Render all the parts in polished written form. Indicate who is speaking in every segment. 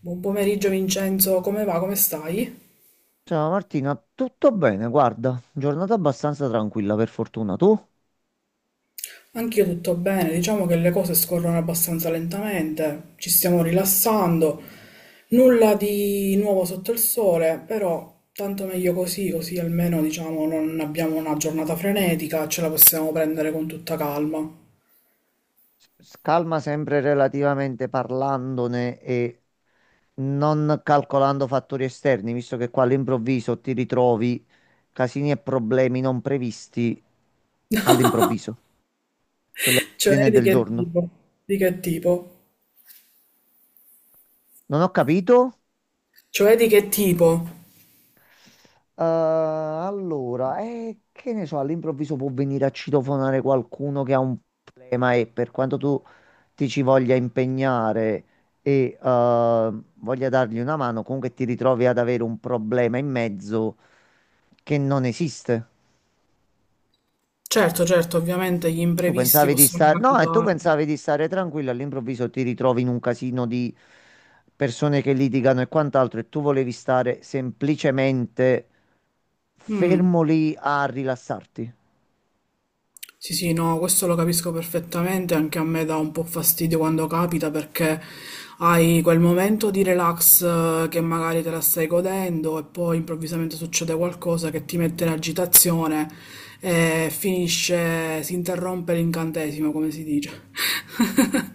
Speaker 1: Buon pomeriggio Vincenzo, come va? Come stai?
Speaker 2: Ciao Martina, tutto bene? Guarda, giornata abbastanza tranquilla per fortuna. Tu?
Speaker 1: Anch'io tutto bene, diciamo che le cose scorrono abbastanza lentamente, ci stiamo rilassando, nulla di nuovo sotto il sole, però tanto meglio così, così almeno diciamo non abbiamo una giornata frenetica, ce la possiamo prendere con tutta calma.
Speaker 2: Calma sempre relativamente parlandone e non calcolando fattori esterni, visto che qua all'improvviso ti ritrovi casini e problemi non previsti all'improvviso, quelli
Speaker 1: Cioè
Speaker 2: all'ordine
Speaker 1: di
Speaker 2: del
Speaker 1: che
Speaker 2: giorno.
Speaker 1: tipo? Di che tipo?
Speaker 2: Non ho capito?
Speaker 1: Cioè di che tipo?
Speaker 2: Allora, che ne so, all'improvviso può venire a citofonare qualcuno che ha un problema e per quanto tu ti ci voglia impegnare e voglia dargli una mano, comunque ti ritrovi ad avere un problema in mezzo che non esiste.
Speaker 1: Certo, certo, ovviamente gli
Speaker 2: Tu
Speaker 1: imprevisti
Speaker 2: pensavi di
Speaker 1: possono
Speaker 2: stare, no, e tu
Speaker 1: capitare.
Speaker 2: pensavi di stare tranquillo, all'improvviso ti ritrovi in un casino di persone che litigano e quant'altro e tu volevi stare semplicemente
Speaker 1: Mm.
Speaker 2: fermo lì a rilassarti.
Speaker 1: Sì, sì, no, questo lo capisco perfettamente, anche a me dà un po' fastidio quando capita perché hai quel momento di relax che magari te la stai godendo e poi improvvisamente succede qualcosa che ti mette in agitazione e finisce, si interrompe l'incantesimo, come si dice.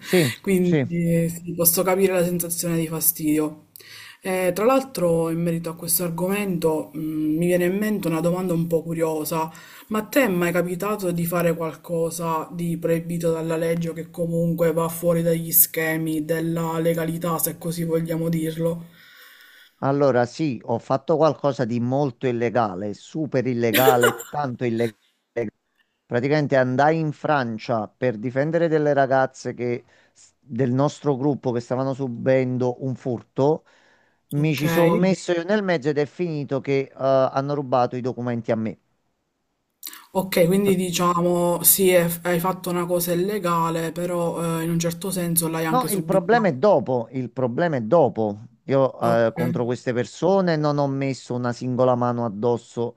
Speaker 2: Sì, sì.
Speaker 1: Quindi sì, posso capire la sensazione di fastidio. Tra l'altro, in merito a questo argomento, mi viene in mente una domanda un po' curiosa. Ma a te è mai capitato di fare qualcosa di proibito dalla legge o che comunque va fuori dagli schemi della legalità, se così vogliamo dirlo?
Speaker 2: Allora sì, ho fatto qualcosa di molto illegale, super illegale, tanto illegale. Praticamente andai in Francia per difendere delle ragazze che, del nostro gruppo che stavano subendo un furto. Mi
Speaker 1: Ok.
Speaker 2: ci sono messo io nel mezzo ed è finito che hanno rubato i documenti a me.
Speaker 1: Ok, quindi diciamo sì, hai fatto una cosa illegale, però in un certo senso l'hai
Speaker 2: No,
Speaker 1: anche
Speaker 2: il
Speaker 1: subita.
Speaker 2: problema è dopo, il problema è dopo. Io
Speaker 1: Ok.
Speaker 2: contro queste persone non ho messo una singola mano addosso.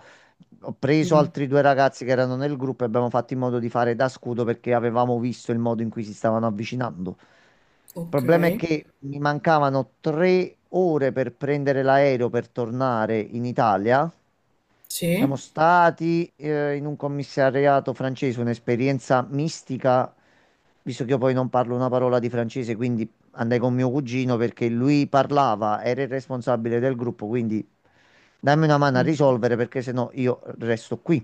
Speaker 2: Ho preso
Speaker 1: Mm.
Speaker 2: altri due ragazzi che erano nel gruppo e abbiamo fatto in modo di fare da scudo perché avevamo visto il modo in cui si stavano avvicinando. Il
Speaker 1: Ok.
Speaker 2: problema è che mi mancavano 3 ore per prendere l'aereo per tornare in Italia. Siamo
Speaker 1: Sì.
Speaker 2: stati in un commissariato francese, un'esperienza mistica, visto che io poi non parlo una parola di francese, quindi andai con mio cugino perché lui parlava, era il responsabile del gruppo, quindi dammi una mano a
Speaker 1: Mm.
Speaker 2: risolvere perché sennò io resto qui.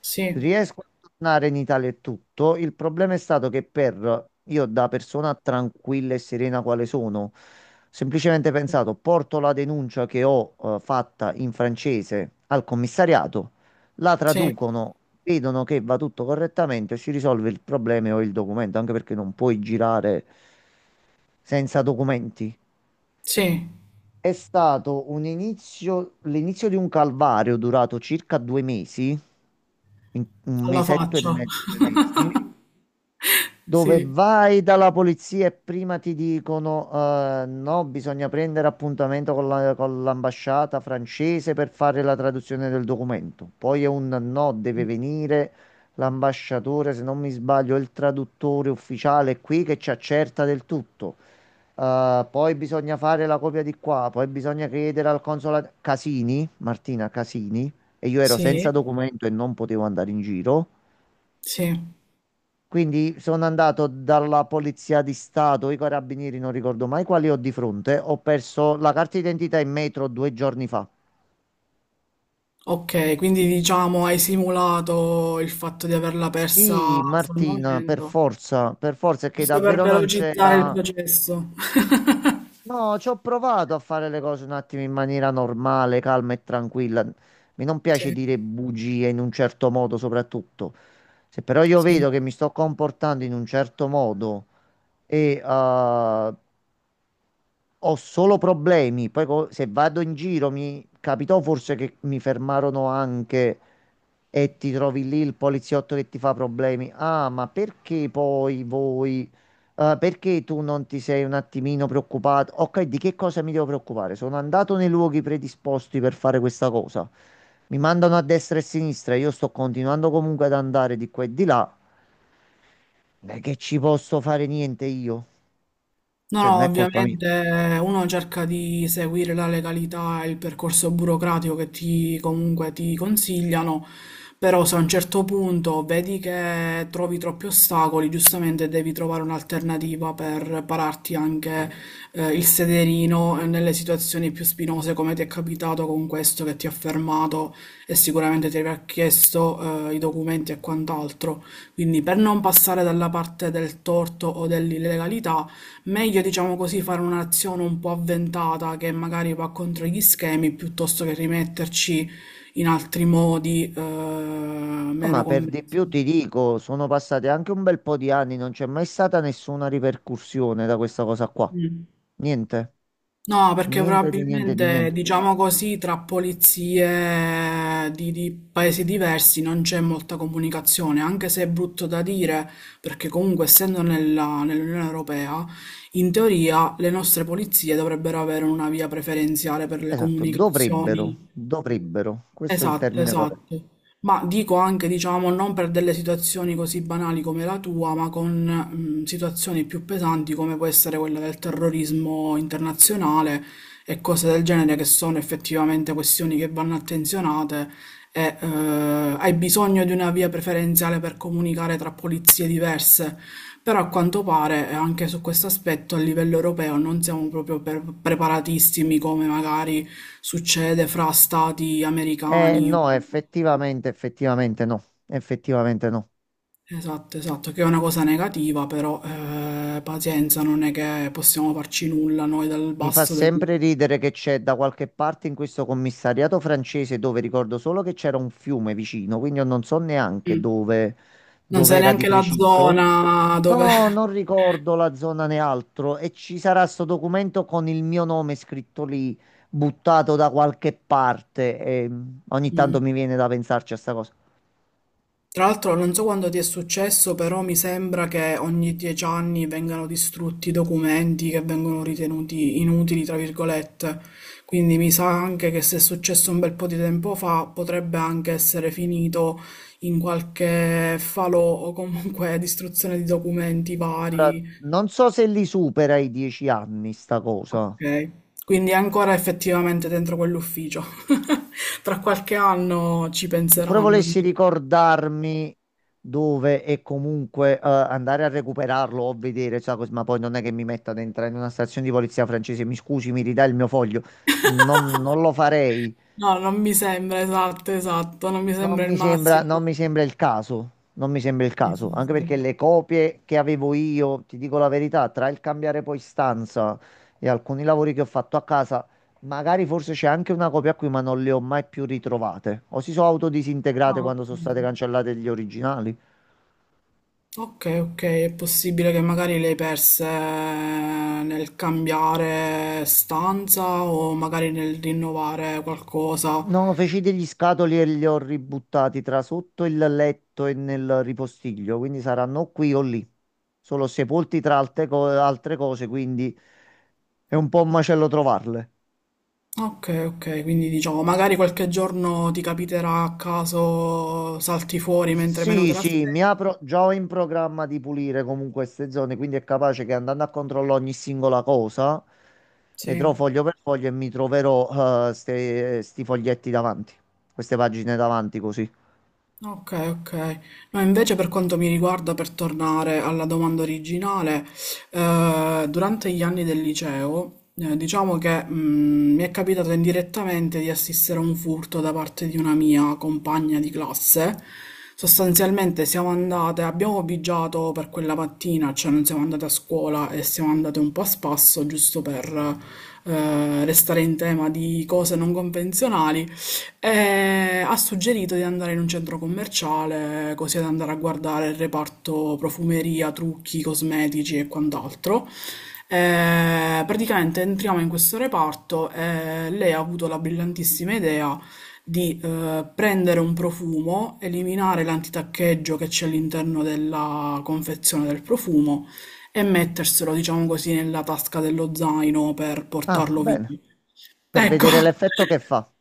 Speaker 1: Sì.
Speaker 2: Riesco a tornare in Italia e tutto. Il problema è stato che per io, da persona tranquilla e serena quale sono, semplicemente pensato, porto la denuncia che ho fatta in francese al commissariato, la
Speaker 1: Sì.
Speaker 2: traducono, vedono che va tutto correttamente, si risolve il problema e ho il documento, anche perché non puoi girare senza documenti.
Speaker 1: Sì.
Speaker 2: È stato un inizio, l'inizio di un calvario durato circa 2 mesi, un
Speaker 1: Alla
Speaker 2: mesetto e
Speaker 1: faccia.
Speaker 2: mezzo, due mesi. Dove
Speaker 1: Sì.
Speaker 2: vai dalla polizia e prima ti dicono no, bisogna prendere appuntamento con con l'ambasciata francese per fare la traduzione del documento. Poi è un no, deve venire l'ambasciatore, se non mi sbaglio, è il traduttore ufficiale qui che ci accerta del tutto. Poi bisogna fare la copia di qua, poi bisogna chiedere al consolato Casini, Martina Casini, e io ero senza
Speaker 1: Sì.
Speaker 2: documento e non potevo andare in giro.
Speaker 1: Sì.
Speaker 2: Quindi sono andato dalla Polizia di Stato, i carabinieri, non ricordo mai quali ho di fronte. Ho perso la carta d'identità in metro 2 giorni fa.
Speaker 1: Ok, quindi diciamo hai simulato il fatto di averla persa
Speaker 2: Sì,
Speaker 1: sul
Speaker 2: Martina,
Speaker 1: momento,
Speaker 2: per forza, è che
Speaker 1: giusto per
Speaker 2: davvero non
Speaker 1: velocizzare il
Speaker 2: c'era.
Speaker 1: processo.
Speaker 2: No, ci ho provato a fare le cose un attimo in maniera normale, calma e tranquilla. Mi non
Speaker 1: Sì,
Speaker 2: piace dire bugie in un certo modo, soprattutto. Se però io
Speaker 1: sì.
Speaker 2: vedo che mi sto comportando in un certo modo e ho solo problemi. Poi se vado in giro mi capitò forse che mi fermarono anche e ti trovi lì il poliziotto che ti fa problemi. Ah, ma perché poi voi? Perché tu non ti sei un attimino preoccupato? Ok, di che cosa mi devo preoccupare? Sono andato nei luoghi predisposti per fare questa cosa. Mi mandano a destra e a sinistra. Io sto continuando comunque ad andare di qua e di là. Non è che ci posso fare niente io.
Speaker 1: No,
Speaker 2: Cioè,
Speaker 1: no,
Speaker 2: non è colpa mia.
Speaker 1: ovviamente uno cerca di seguire la legalità e il percorso burocratico che ti comunque ti consigliano, però se a un certo punto vedi che trovi troppi ostacoli, giustamente devi trovare un'alternativa per pararti anche il sederino nelle situazioni più spinose come ti è capitato con questo che ti ha fermato e sicuramente ti avrà chiesto i documenti e quant'altro. Quindi per non passare dalla parte del torto o dell'illegalità, meglio, diciamo così, fare un'azione un po' avventata che magari va contro gli schemi piuttosto che rimetterci in altri modi
Speaker 2: No,
Speaker 1: meno
Speaker 2: ma per di
Speaker 1: convenzionali.
Speaker 2: più ti dico, sono passati anche un bel po' di anni, non c'è mai stata nessuna ripercussione da questa cosa qua.
Speaker 1: Mm.
Speaker 2: Niente,
Speaker 1: No, perché
Speaker 2: niente di niente di
Speaker 1: probabilmente,
Speaker 2: niente.
Speaker 1: diciamo così, tra polizie di paesi diversi non c'è molta comunicazione, anche se è brutto da dire, perché comunque essendo nell'Unione Europea, in teoria le nostre polizie dovrebbero avere una via preferenziale per le
Speaker 2: Esatto, dovrebbero,
Speaker 1: comunicazioni.
Speaker 2: dovrebbero, questo è il
Speaker 1: Esatto,
Speaker 2: termine corretto.
Speaker 1: esatto. Ma dico anche, diciamo, non per delle situazioni così banali come la tua, ma con situazioni più pesanti come può essere quella del terrorismo internazionale e cose del genere che sono effettivamente questioni che vanno attenzionate e hai bisogno di una via preferenziale per comunicare tra polizie diverse. Però a quanto pare anche su questo aspetto a livello europeo non siamo proprio preparatissimi come magari succede fra stati
Speaker 2: Eh
Speaker 1: americani.
Speaker 2: no, effettivamente, effettivamente no, effettivamente no.
Speaker 1: Esatto, esatto, che è una cosa negativa, però pazienza, non è che possiamo farci nulla noi dal
Speaker 2: Mi fa
Speaker 1: basso del.
Speaker 2: sempre ridere che c'è da qualche parte in questo commissariato francese dove ricordo solo che c'era un fiume vicino, quindi io non so neanche
Speaker 1: Mm.
Speaker 2: dove,
Speaker 1: Non
Speaker 2: dove
Speaker 1: sai
Speaker 2: era di
Speaker 1: neanche la
Speaker 2: preciso.
Speaker 1: zona dove.
Speaker 2: No, non ricordo la zona né altro e ci sarà sto documento con il mio nome scritto lì, buttato da qualche parte e ogni
Speaker 1: Mm.
Speaker 2: tanto mi viene da pensarci a sta cosa.
Speaker 1: Tra l'altro non so quando ti è successo, però mi sembra che ogni 10 anni vengano distrutti documenti che vengono ritenuti inutili, tra virgolette. Quindi mi sa anche che se è successo un bel po' di tempo fa, potrebbe anche essere finito in qualche falò o comunque distruzione di documenti
Speaker 2: Ora,
Speaker 1: vari.
Speaker 2: non so se li supera i 10 anni sta cosa.
Speaker 1: Ok. Quindi è ancora effettivamente dentro quell'ufficio. Tra qualche anno ci
Speaker 2: Se pure
Speaker 1: penseranno.
Speaker 2: volessi ricordarmi dove e comunque andare a recuperarlo o vedere, sa, ma poi non è che mi metta dentro in una stazione di polizia francese, mi scusi, mi ridà il mio foglio. Non, non lo farei.
Speaker 1: No, non mi sembra, esatto, esatto, non mi
Speaker 2: Non
Speaker 1: sembra il
Speaker 2: mi sembra, non
Speaker 1: massimo.
Speaker 2: mi sembra il caso, non mi sembra il
Speaker 1: Sì,
Speaker 2: caso,
Speaker 1: sì,
Speaker 2: anche perché
Speaker 1: sì.
Speaker 2: le copie che avevo io, ti dico la verità, tra il cambiare poi stanza e alcuni lavori che ho fatto a casa, magari forse c'è anche una copia qui, ma non le ho mai più ritrovate. O si sono autodisintegrate
Speaker 1: Ah,
Speaker 2: quando
Speaker 1: ok.
Speaker 2: sono state cancellate gli originali.
Speaker 1: Ok, ok, è possibile che magari le hai perse nel cambiare stanza o magari nel rinnovare qualcosa.
Speaker 2: No, feci degli scatoli e li ho ributtati tra sotto il letto e nel ripostiglio, quindi saranno qui o lì. Sono sepolti tra altre cose, quindi è un po' un macello trovarle.
Speaker 1: Ok, ok, quindi diciamo, magari qualche giorno ti capiterà a caso salti fuori mentre meno te
Speaker 2: Sì, sì, mi
Speaker 1: l'aspetti.
Speaker 2: apro, già ho in programma di pulire comunque queste zone, quindi è capace che andando a controllare ogni singola cosa,
Speaker 1: Sì.
Speaker 2: vedrò foglio per foglio e mi troverò sti foglietti davanti, queste pagine davanti così.
Speaker 1: Ok, ok. No, invece per quanto mi riguarda, per tornare alla domanda originale, durante gli anni del liceo, diciamo che mi è capitato indirettamente di assistere a un furto da parte di una mia compagna di classe. Sostanzialmente siamo andate, abbiamo bigiato per quella mattina, cioè non siamo andate a scuola e siamo andate un po' a spasso, giusto per restare in tema di cose non convenzionali. E ha suggerito di andare in un centro commerciale, così ad andare a guardare il reparto profumeria, trucchi, cosmetici e quant'altro. Praticamente entriamo in questo reparto e lei ha avuto la brillantissima idea di prendere un profumo, eliminare l'antitaccheggio che c'è all'interno della confezione del profumo e metterselo, diciamo così, nella tasca dello zaino per
Speaker 2: Ah,
Speaker 1: portarlo
Speaker 2: bene,
Speaker 1: via.
Speaker 2: per
Speaker 1: Ecco.
Speaker 2: vedere l'effetto che fa.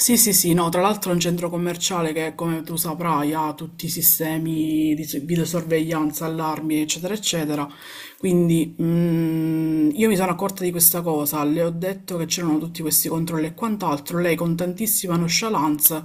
Speaker 1: Sì, sì, sì, no, tra l'altro è un centro commerciale che, come tu saprai, ha tutti i sistemi di videosorveglianza, allarmi, eccetera, eccetera, quindi io mi sono accorta di questa cosa, le ho detto che c'erano tutti questi controlli e quant'altro, lei con tantissima nonchalance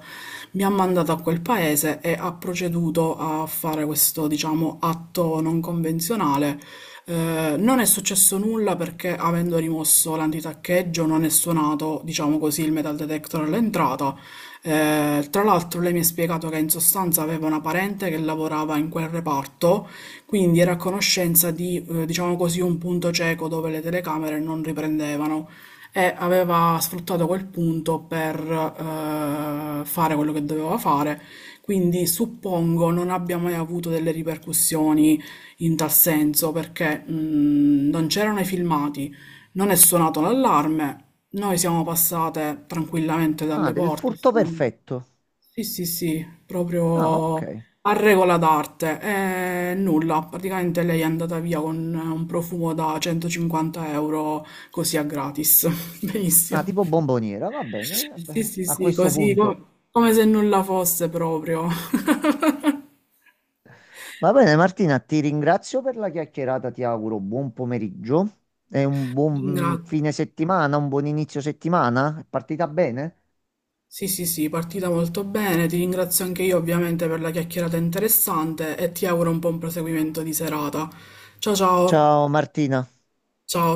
Speaker 1: mi ha mandato a quel paese e ha proceduto a fare questo, diciamo, atto non convenzionale. Non è successo nulla perché avendo rimosso l'antitaccheggio non è suonato, diciamo così, il metal detector all'entrata. Tra l'altro lei mi ha spiegato che in sostanza aveva una parente che lavorava in quel reparto quindi era a conoscenza di, diciamo così, un punto cieco dove le telecamere non riprendevano e aveva sfruttato quel punto per fare quello che doveva fare. Quindi suppongo non abbia mai avuto delle ripercussioni in tal senso perché non c'erano i filmati, non è suonato l'allarme, noi siamo passate tranquillamente
Speaker 2: Ah,
Speaker 1: dalle
Speaker 2: del
Speaker 1: porte,
Speaker 2: furto
Speaker 1: insomma.
Speaker 2: perfetto.
Speaker 1: Sì, sì, sì,
Speaker 2: Ah,
Speaker 1: proprio
Speaker 2: ok.
Speaker 1: a regola d'arte. E nulla, praticamente lei è andata via con un profumo da 150 euro così a gratis.
Speaker 2: Ah,
Speaker 1: Benissimo.
Speaker 2: tipo bomboniera, va bene.
Speaker 1: Sì,
Speaker 2: Beh,
Speaker 1: sì,
Speaker 2: a
Speaker 1: sì,
Speaker 2: questo
Speaker 1: così
Speaker 2: punto.
Speaker 1: come se nulla fosse proprio.
Speaker 2: Va bene, Martina, ti ringrazio per la chiacchierata, ti auguro buon pomeriggio e un
Speaker 1: Ti
Speaker 2: buon
Speaker 1: ringra-
Speaker 2: fine settimana, un buon inizio settimana. È partita bene?
Speaker 1: Sì, sì, sì, partita molto bene. Ti ringrazio anche io ovviamente per la chiacchierata interessante e ti auguro un buon proseguimento di serata. Ciao, ciao.
Speaker 2: Ciao Martina.
Speaker 1: Ciao.